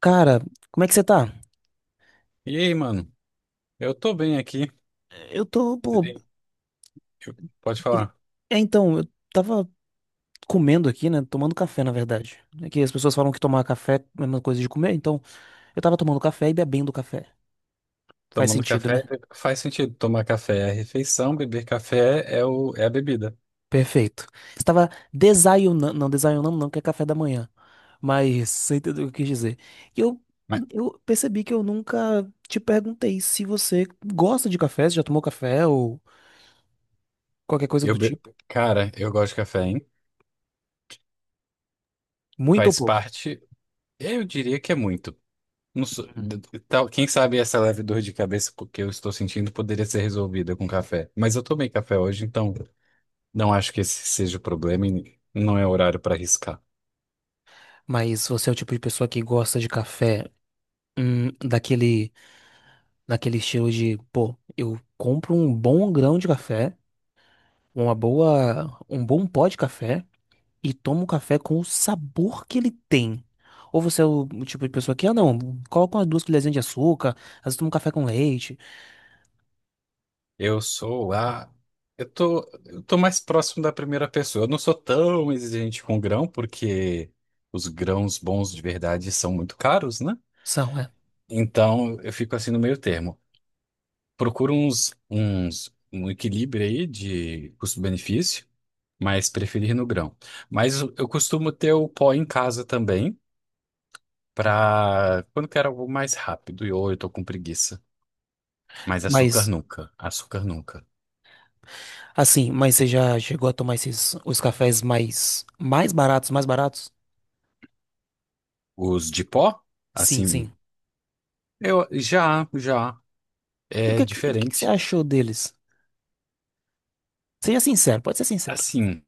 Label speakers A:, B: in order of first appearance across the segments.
A: Cara, como é que você tá?
B: E aí, mano? Eu tô bem aqui.
A: Eu tô, pô.
B: Sim. Eu- Pode
A: queria-
B: falar.
A: Eu tava comendo aqui, né? Tomando café, na verdade. É que as pessoas falam que tomar café é a mesma coisa de comer, então eu tava tomando café e bebendo café. Faz
B: Tomando
A: sentido,
B: café
A: né?
B: faz sentido. Tomar café é a refeição, beber café é a bebida.
A: Perfeito. Estava desayunando não, que é café da manhã. Mas você entendeu o que eu quis dizer. E eu,
B: Mas
A: eu percebi que eu nunca te perguntei se você gosta de café, se já tomou café ou qualquer coisa
B: eu
A: do
B: be...
A: tipo.
B: Cara, eu gosto de café, hein?
A: Muito ou
B: Faz
A: pouco.
B: parte. Eu diria que é muito. Não sou-
A: Hum.
B: d- d- tal- Quem sabe essa leve dor de cabeça que eu estou sentindo poderia ser resolvida com café. Mas eu tomei café hoje, então não acho que esse seja o problema e não é horário para arriscar.
A: Mas você é o tipo de pessoa que gosta de café. Hum, daquele, daquele estilo de, pô, eu compro um bom grão de café, um bom pó de café e tomo o café com o sabor que ele tem. Ou você é o tipo de pessoa que, ah, não, coloca umas duas colherzinhas de açúcar, às vezes toma um café com leite,
B: Eu sou a. Eu tô mais próximo da primeira pessoa. Eu não sou tão exigente com grão, porque os grãos bons de verdade são muito caros, né?
A: são, é.
B: Então eu fico assim no meio termo. Procuro um equilíbrio aí de custo-benefício, mas preferir no grão. Mas eu costumo ter o pó em casa também, para quando quero algo mais rápido, e ou eu tô com preguiça. Mas açúcar
A: Mas,
B: nunca, açúcar nunca.
A: assim, mas você já chegou a tomar esses, os cafés mais baratos, mais baratos?
B: Os de pó?
A: Sim,
B: Assim,
A: sim.
B: eu já, já
A: E o
B: é
A: que, que, que que você
B: diferente.
A: achou deles? Seja sincero, pode ser sincero.
B: Assim,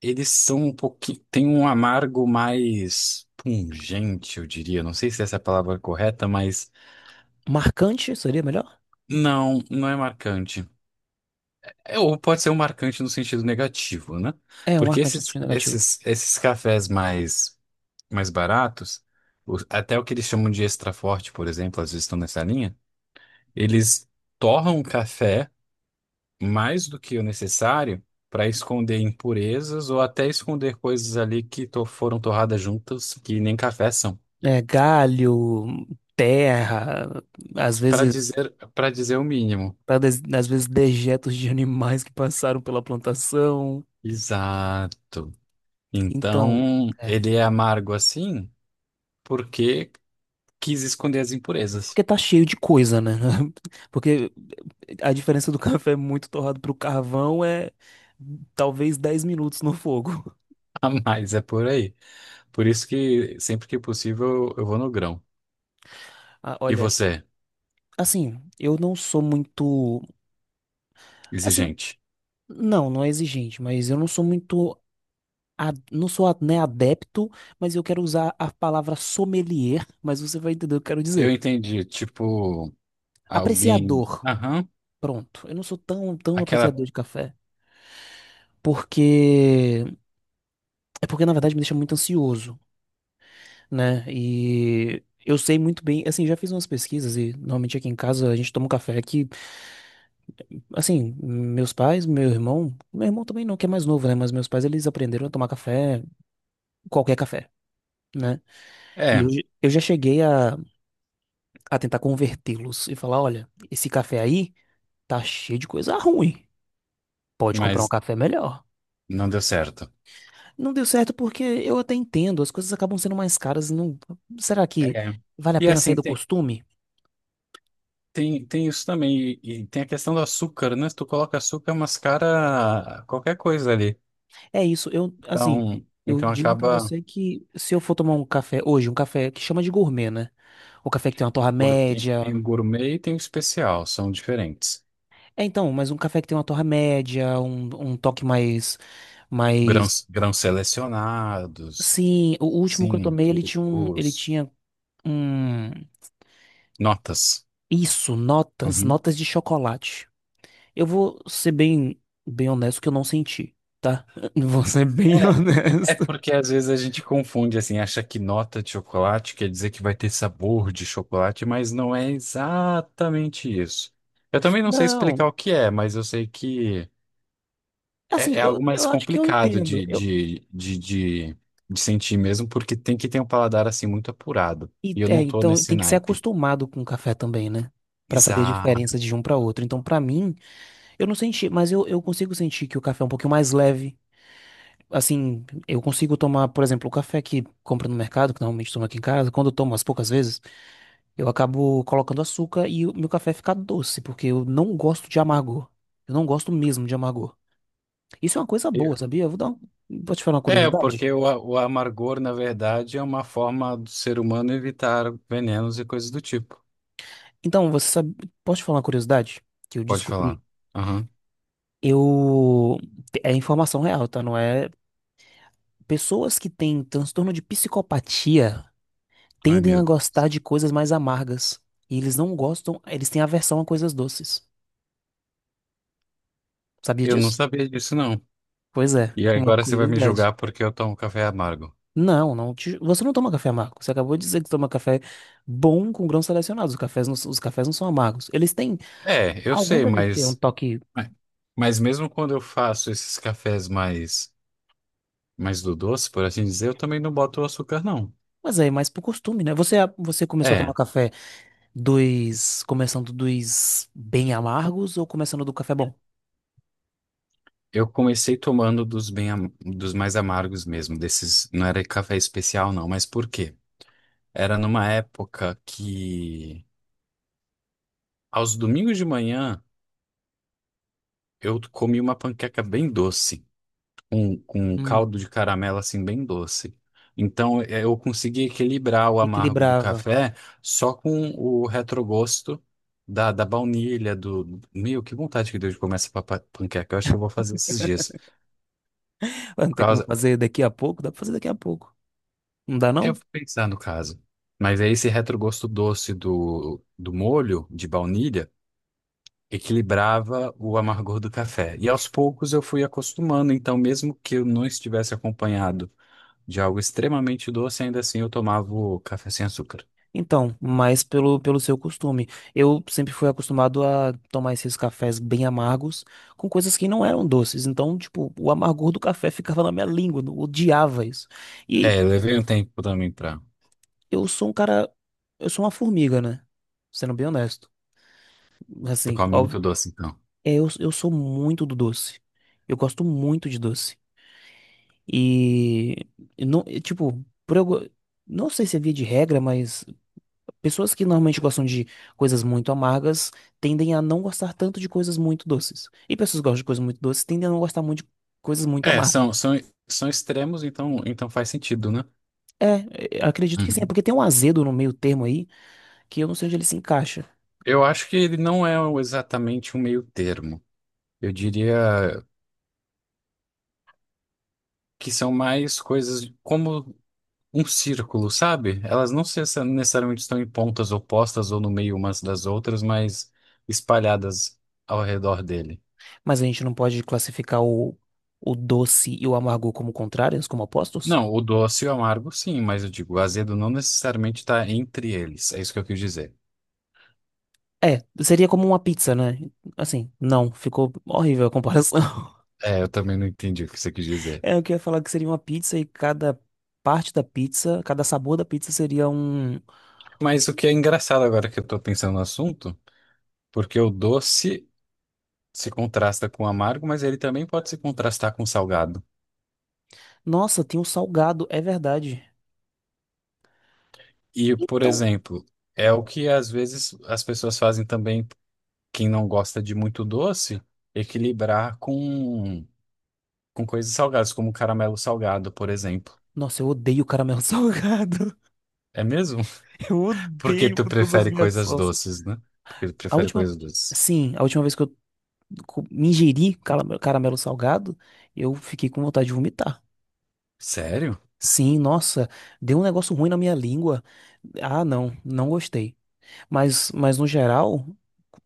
B: eles são um pouquinho, tem um amargo mais pungente, eu diria. Não sei se essa é a palavra correta, mas
A: Marcante seria melhor?
B: não, não é marcante. É, ou pode ser um marcante no sentido negativo, né?
A: É, um
B: Porque
A: marcante no
B: esses,
A: sentido negativo.
B: esses, esses cafés mais baratos, até o que eles chamam de extra forte, por exemplo, às vezes estão nessa linha, eles torram o café mais do que o necessário para esconder impurezas ou até esconder coisas ali que foram torradas juntas, que nem café são,
A: É, galho, terra, às
B: para
A: vezes,
B: dizer, para dizer o mínimo.
A: às vezes dejetos de animais que passaram pela plantação.
B: Exato.
A: Então,
B: Então,
A: é,
B: ele é amargo assim porque quis esconder as impurezas.
A: porque tá cheio de coisa, né? Porque a diferença do café muito torrado pro carvão é talvez 10 minutos no fogo.
B: A mais é por aí. Por isso que sempre que possível eu vou no grão.
A: Ah,
B: E
A: olha,
B: você,
A: assim, eu não sou muito, assim,
B: exigente?
A: não, não é exigente, mas eu não sou muito não sou, né, adepto, mas eu quero usar a palavra sommelier, mas você vai entender o que eu quero
B: Eu
A: dizer.
B: entendi, tipo, alguém,
A: Apreciador.
B: aham,
A: Pronto. Eu não sou tão
B: aquela,
A: apreciador de café, porque é porque na verdade me deixa muito ansioso, né? E eu sei muito bem, assim, já fiz umas pesquisas e normalmente aqui em casa a gente toma um café que, assim, meus pais, meu irmão também não, que é mais novo, né? Mas meus pais eles aprenderam a tomar café, qualquer café, né? E eu,
B: é,
A: eu já cheguei a tentar convertê-los e falar, olha, esse café aí tá cheio de coisa ruim. Pode comprar um
B: mas
A: café melhor.
B: não deu certo.
A: Não deu certo porque eu até entendo, as coisas acabam sendo mais caras. Não... Será que
B: É.
A: vale a
B: E
A: pena sair
B: assim,
A: do
B: tem,
A: costume?
B: tem, tem isso também. E tem a questão do açúcar, né? Se tu coloca açúcar, mascara qualquer coisa ali.
A: É isso, eu, assim,
B: Então,
A: eu
B: então
A: digo pra
B: acaba.
A: você que se eu for tomar um café hoje, um café que chama de gourmet, né? O café que tem uma torra
B: Tem
A: média.
B: o gourmet e tem o especial, são diferentes.
A: É, então, mas um café que tem uma torra média, um toque mais, mais...
B: Grãos, grãos selecionados,
A: Sim, o último que eu
B: sim,
A: tomei,
B: o-
A: ele
B: os
A: tinha um.
B: notas.
A: Isso, notas,
B: Uhum.
A: notas de chocolate. Eu vou ser bem honesto que eu não senti, tá? Vou ser bem
B: É
A: honesto.
B: porque às vezes a gente confunde, assim, acha que nota de chocolate quer dizer que vai ter sabor de chocolate, mas não é exatamente isso. Eu também não sei
A: Não,
B: explicar o que é, mas eu sei que
A: assim,
B: é algo mais
A: eu acho que eu
B: complicado
A: entendo.
B: de,
A: Eu,
B: de, de, de, de sentir mesmo, porque tem que ter um paladar, assim, muito apurado.
A: e,
B: E eu
A: é,
B: não tô
A: então
B: nesse
A: tem que ser
B: naipe.
A: acostumado com o café também, né? Pra saber a
B: Exato.
A: diferença de um pra outro. Então, pra mim, eu não senti, mas eu consigo sentir que o café é um pouquinho mais leve. Assim, eu consigo tomar, por exemplo, o café que compra no mercado, que normalmente tomo aqui em casa, quando eu tomo as poucas vezes. Eu acabo colocando açúcar e o meu café fica doce, porque eu não gosto de amargor. Eu não gosto mesmo de amargor. Isso é uma coisa boa,
B: Eu-
A: sabia? Eu vou dar um... Vou te falar uma
B: É,
A: curiosidade.
B: porque o amargor, na verdade, é uma forma do ser humano evitar venenos e coisas do tipo.
A: Então, você sabe... Posso te falar uma curiosidade que eu
B: Pode
A: descobri?
B: falar. Aham.
A: Eu... É informação real, tá? Não é... Pessoas que têm transtorno de psicopatia
B: Ai,
A: tendem a
B: meu
A: gostar de coisas mais amargas. E eles não gostam... Eles têm aversão a coisas doces. Sabia
B: Eu não
A: disso?
B: sabia disso, não.
A: Pois é,
B: E
A: uma
B: agora você vai me
A: curiosidade.
B: julgar porque eu tomo café amargo.
A: Não, não te- você não toma café amargo. Você acabou de dizer que toma café bom com grãos selecionados. Os cafés não são amargos. Eles têm.
B: É, eu
A: Algum
B: sei,
A: deve ter um
B: mas,
A: toque.
B: mas mesmo quando eu faço esses cafés mais do doce, por assim dizer, eu também não boto açúcar, não.
A: Mas é mais por costume, né? Você começou a tomar
B: É,
A: café dos. Começando dos bem amargos ou começando do café bom?
B: eu comecei tomando dos mais amargos mesmo, desses, não era café especial, não, mas por quê? Era numa época que, aos domingos de manhã, eu comi uma panqueca bem doce. Com um
A: Hum,
B: caldo de caramelo assim bem doce. Então eu consegui equilibrar o amargo do
A: equilibrava.
B: café só com o retrogosto da baunilha, do... Meu, que vontade que deu de comer essa panqueca. Eu acho que eu vou fazer esses dias.
A: Vai, Não
B: Por
A: ter como
B: causa...
A: fazer daqui a pouco? Dá pra fazer daqui a pouco. Não dá,
B: Eu
A: não?
B: vou pensar no caso. Mas é esse retrogosto doce do molho de baunilha equilibrava o amargor do café. E aos poucos eu fui acostumando, então mesmo que eu não estivesse acompanhado de algo extremamente doce, ainda assim eu tomava o café sem açúcar.
A: Então, mais pelo, pelo seu costume. Eu sempre fui acostumado a tomar esses cafés bem amargos com coisas que não eram doces. Então, tipo, o amargor do café ficava na minha língua, eu odiava isso. E
B: É, levei um tempo também pra...
A: eu sou um cara, eu sou uma formiga, né? Sendo bem honesto.
B: Tu
A: Assim,
B: come
A: óbvio,
B: muito doce, então.
A: é, eu sou muito do doce. Eu gosto muito de doce. E, e não, e, tipo, não sei se é via de regra, mas pessoas que normalmente gostam de coisas muito amargas tendem a não gostar tanto de coisas muito doces. E pessoas que gostam de coisas muito doces tendem a não gostar muito de coisas muito
B: É,
A: amargas.
B: são extremos, então faz sentido, né?
A: É, é, acredito que sim, é
B: Uhum.
A: porque tem um azedo no meio termo aí que eu não sei onde ele se encaixa.
B: Eu acho que ele não é exatamente um meio termo. Eu diria que são mais coisas como um círculo, sabe? Elas não necessariamente estão em pontas opostas ou no meio umas das outras, mas espalhadas ao redor dele.
A: Mas a gente não pode classificar o doce e o amargo como contrários, como opostos?
B: Não, o doce e o amargo, sim, mas eu digo, o azedo não necessariamente está entre eles. É isso que eu quis dizer.
A: É, seria como uma pizza, né? Assim, não, ficou horrível a comparação.
B: É, eu também não entendi o que você quis dizer.
A: É, eu queria falar que seria uma pizza e cada parte da pizza, cada sabor da pizza seria um.
B: Mas o que é engraçado agora que eu tô pensando no assunto, porque o doce se contrasta com o amargo, mas ele também pode se contrastar com o salgado.
A: Nossa, tem um salgado, é verdade.
B: E, por
A: Então,
B: exemplo, é o que às vezes as pessoas fazem também, quem não gosta de muito doce, equilibrar com, coisas salgadas, como caramelo salgado, por exemplo.
A: nossa, eu odeio caramelo salgado.
B: É mesmo?
A: Eu
B: Porque
A: odeio
B: tu
A: com todas as
B: prefere
A: minhas
B: coisas
A: forças.
B: doces, né? Porque tu
A: A
B: prefere
A: última,
B: coisas doces.
A: sim, a última vez que eu me ingeri caramelo, caramelo salgado, eu fiquei com vontade de vomitar.
B: Sério?
A: Sim, nossa, deu um negócio ruim na minha língua. Ah, não, não gostei. Mas no geral,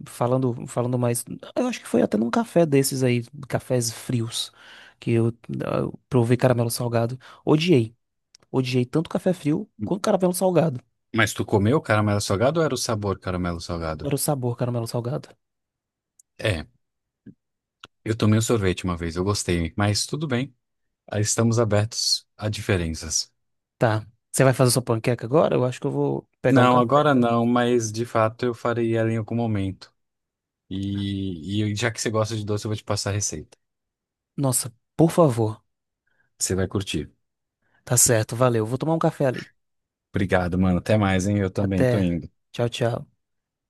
A: falando mais, eu acho que foi até num café desses aí, cafés frios, que eu, eu provei caramelo salgado. Odiei. Odiei tanto café frio quanto caramelo salgado.
B: Mas tu comeu caramelo salgado ou era o sabor caramelo salgado?
A: Era o sabor caramelo salgado.
B: É, eu tomei um sorvete uma vez, eu gostei, mas tudo bem. Aí, estamos abertos a diferenças.
A: Tá. Você vai fazer sua panqueca agora? Eu acho que eu vou pegar um
B: Não,
A: café,
B: agora
A: tá?
B: não, mas de fato eu farei ela em algum momento. E já que você gosta de doce, eu vou te passar a receita.
A: Nossa, por favor.
B: Você vai curtir.
A: Tá certo, valeu. Vou tomar um café ali.
B: Obrigado, mano. Até mais, hein? Eu também tô
A: Até.
B: indo.
A: Tchau, tchau.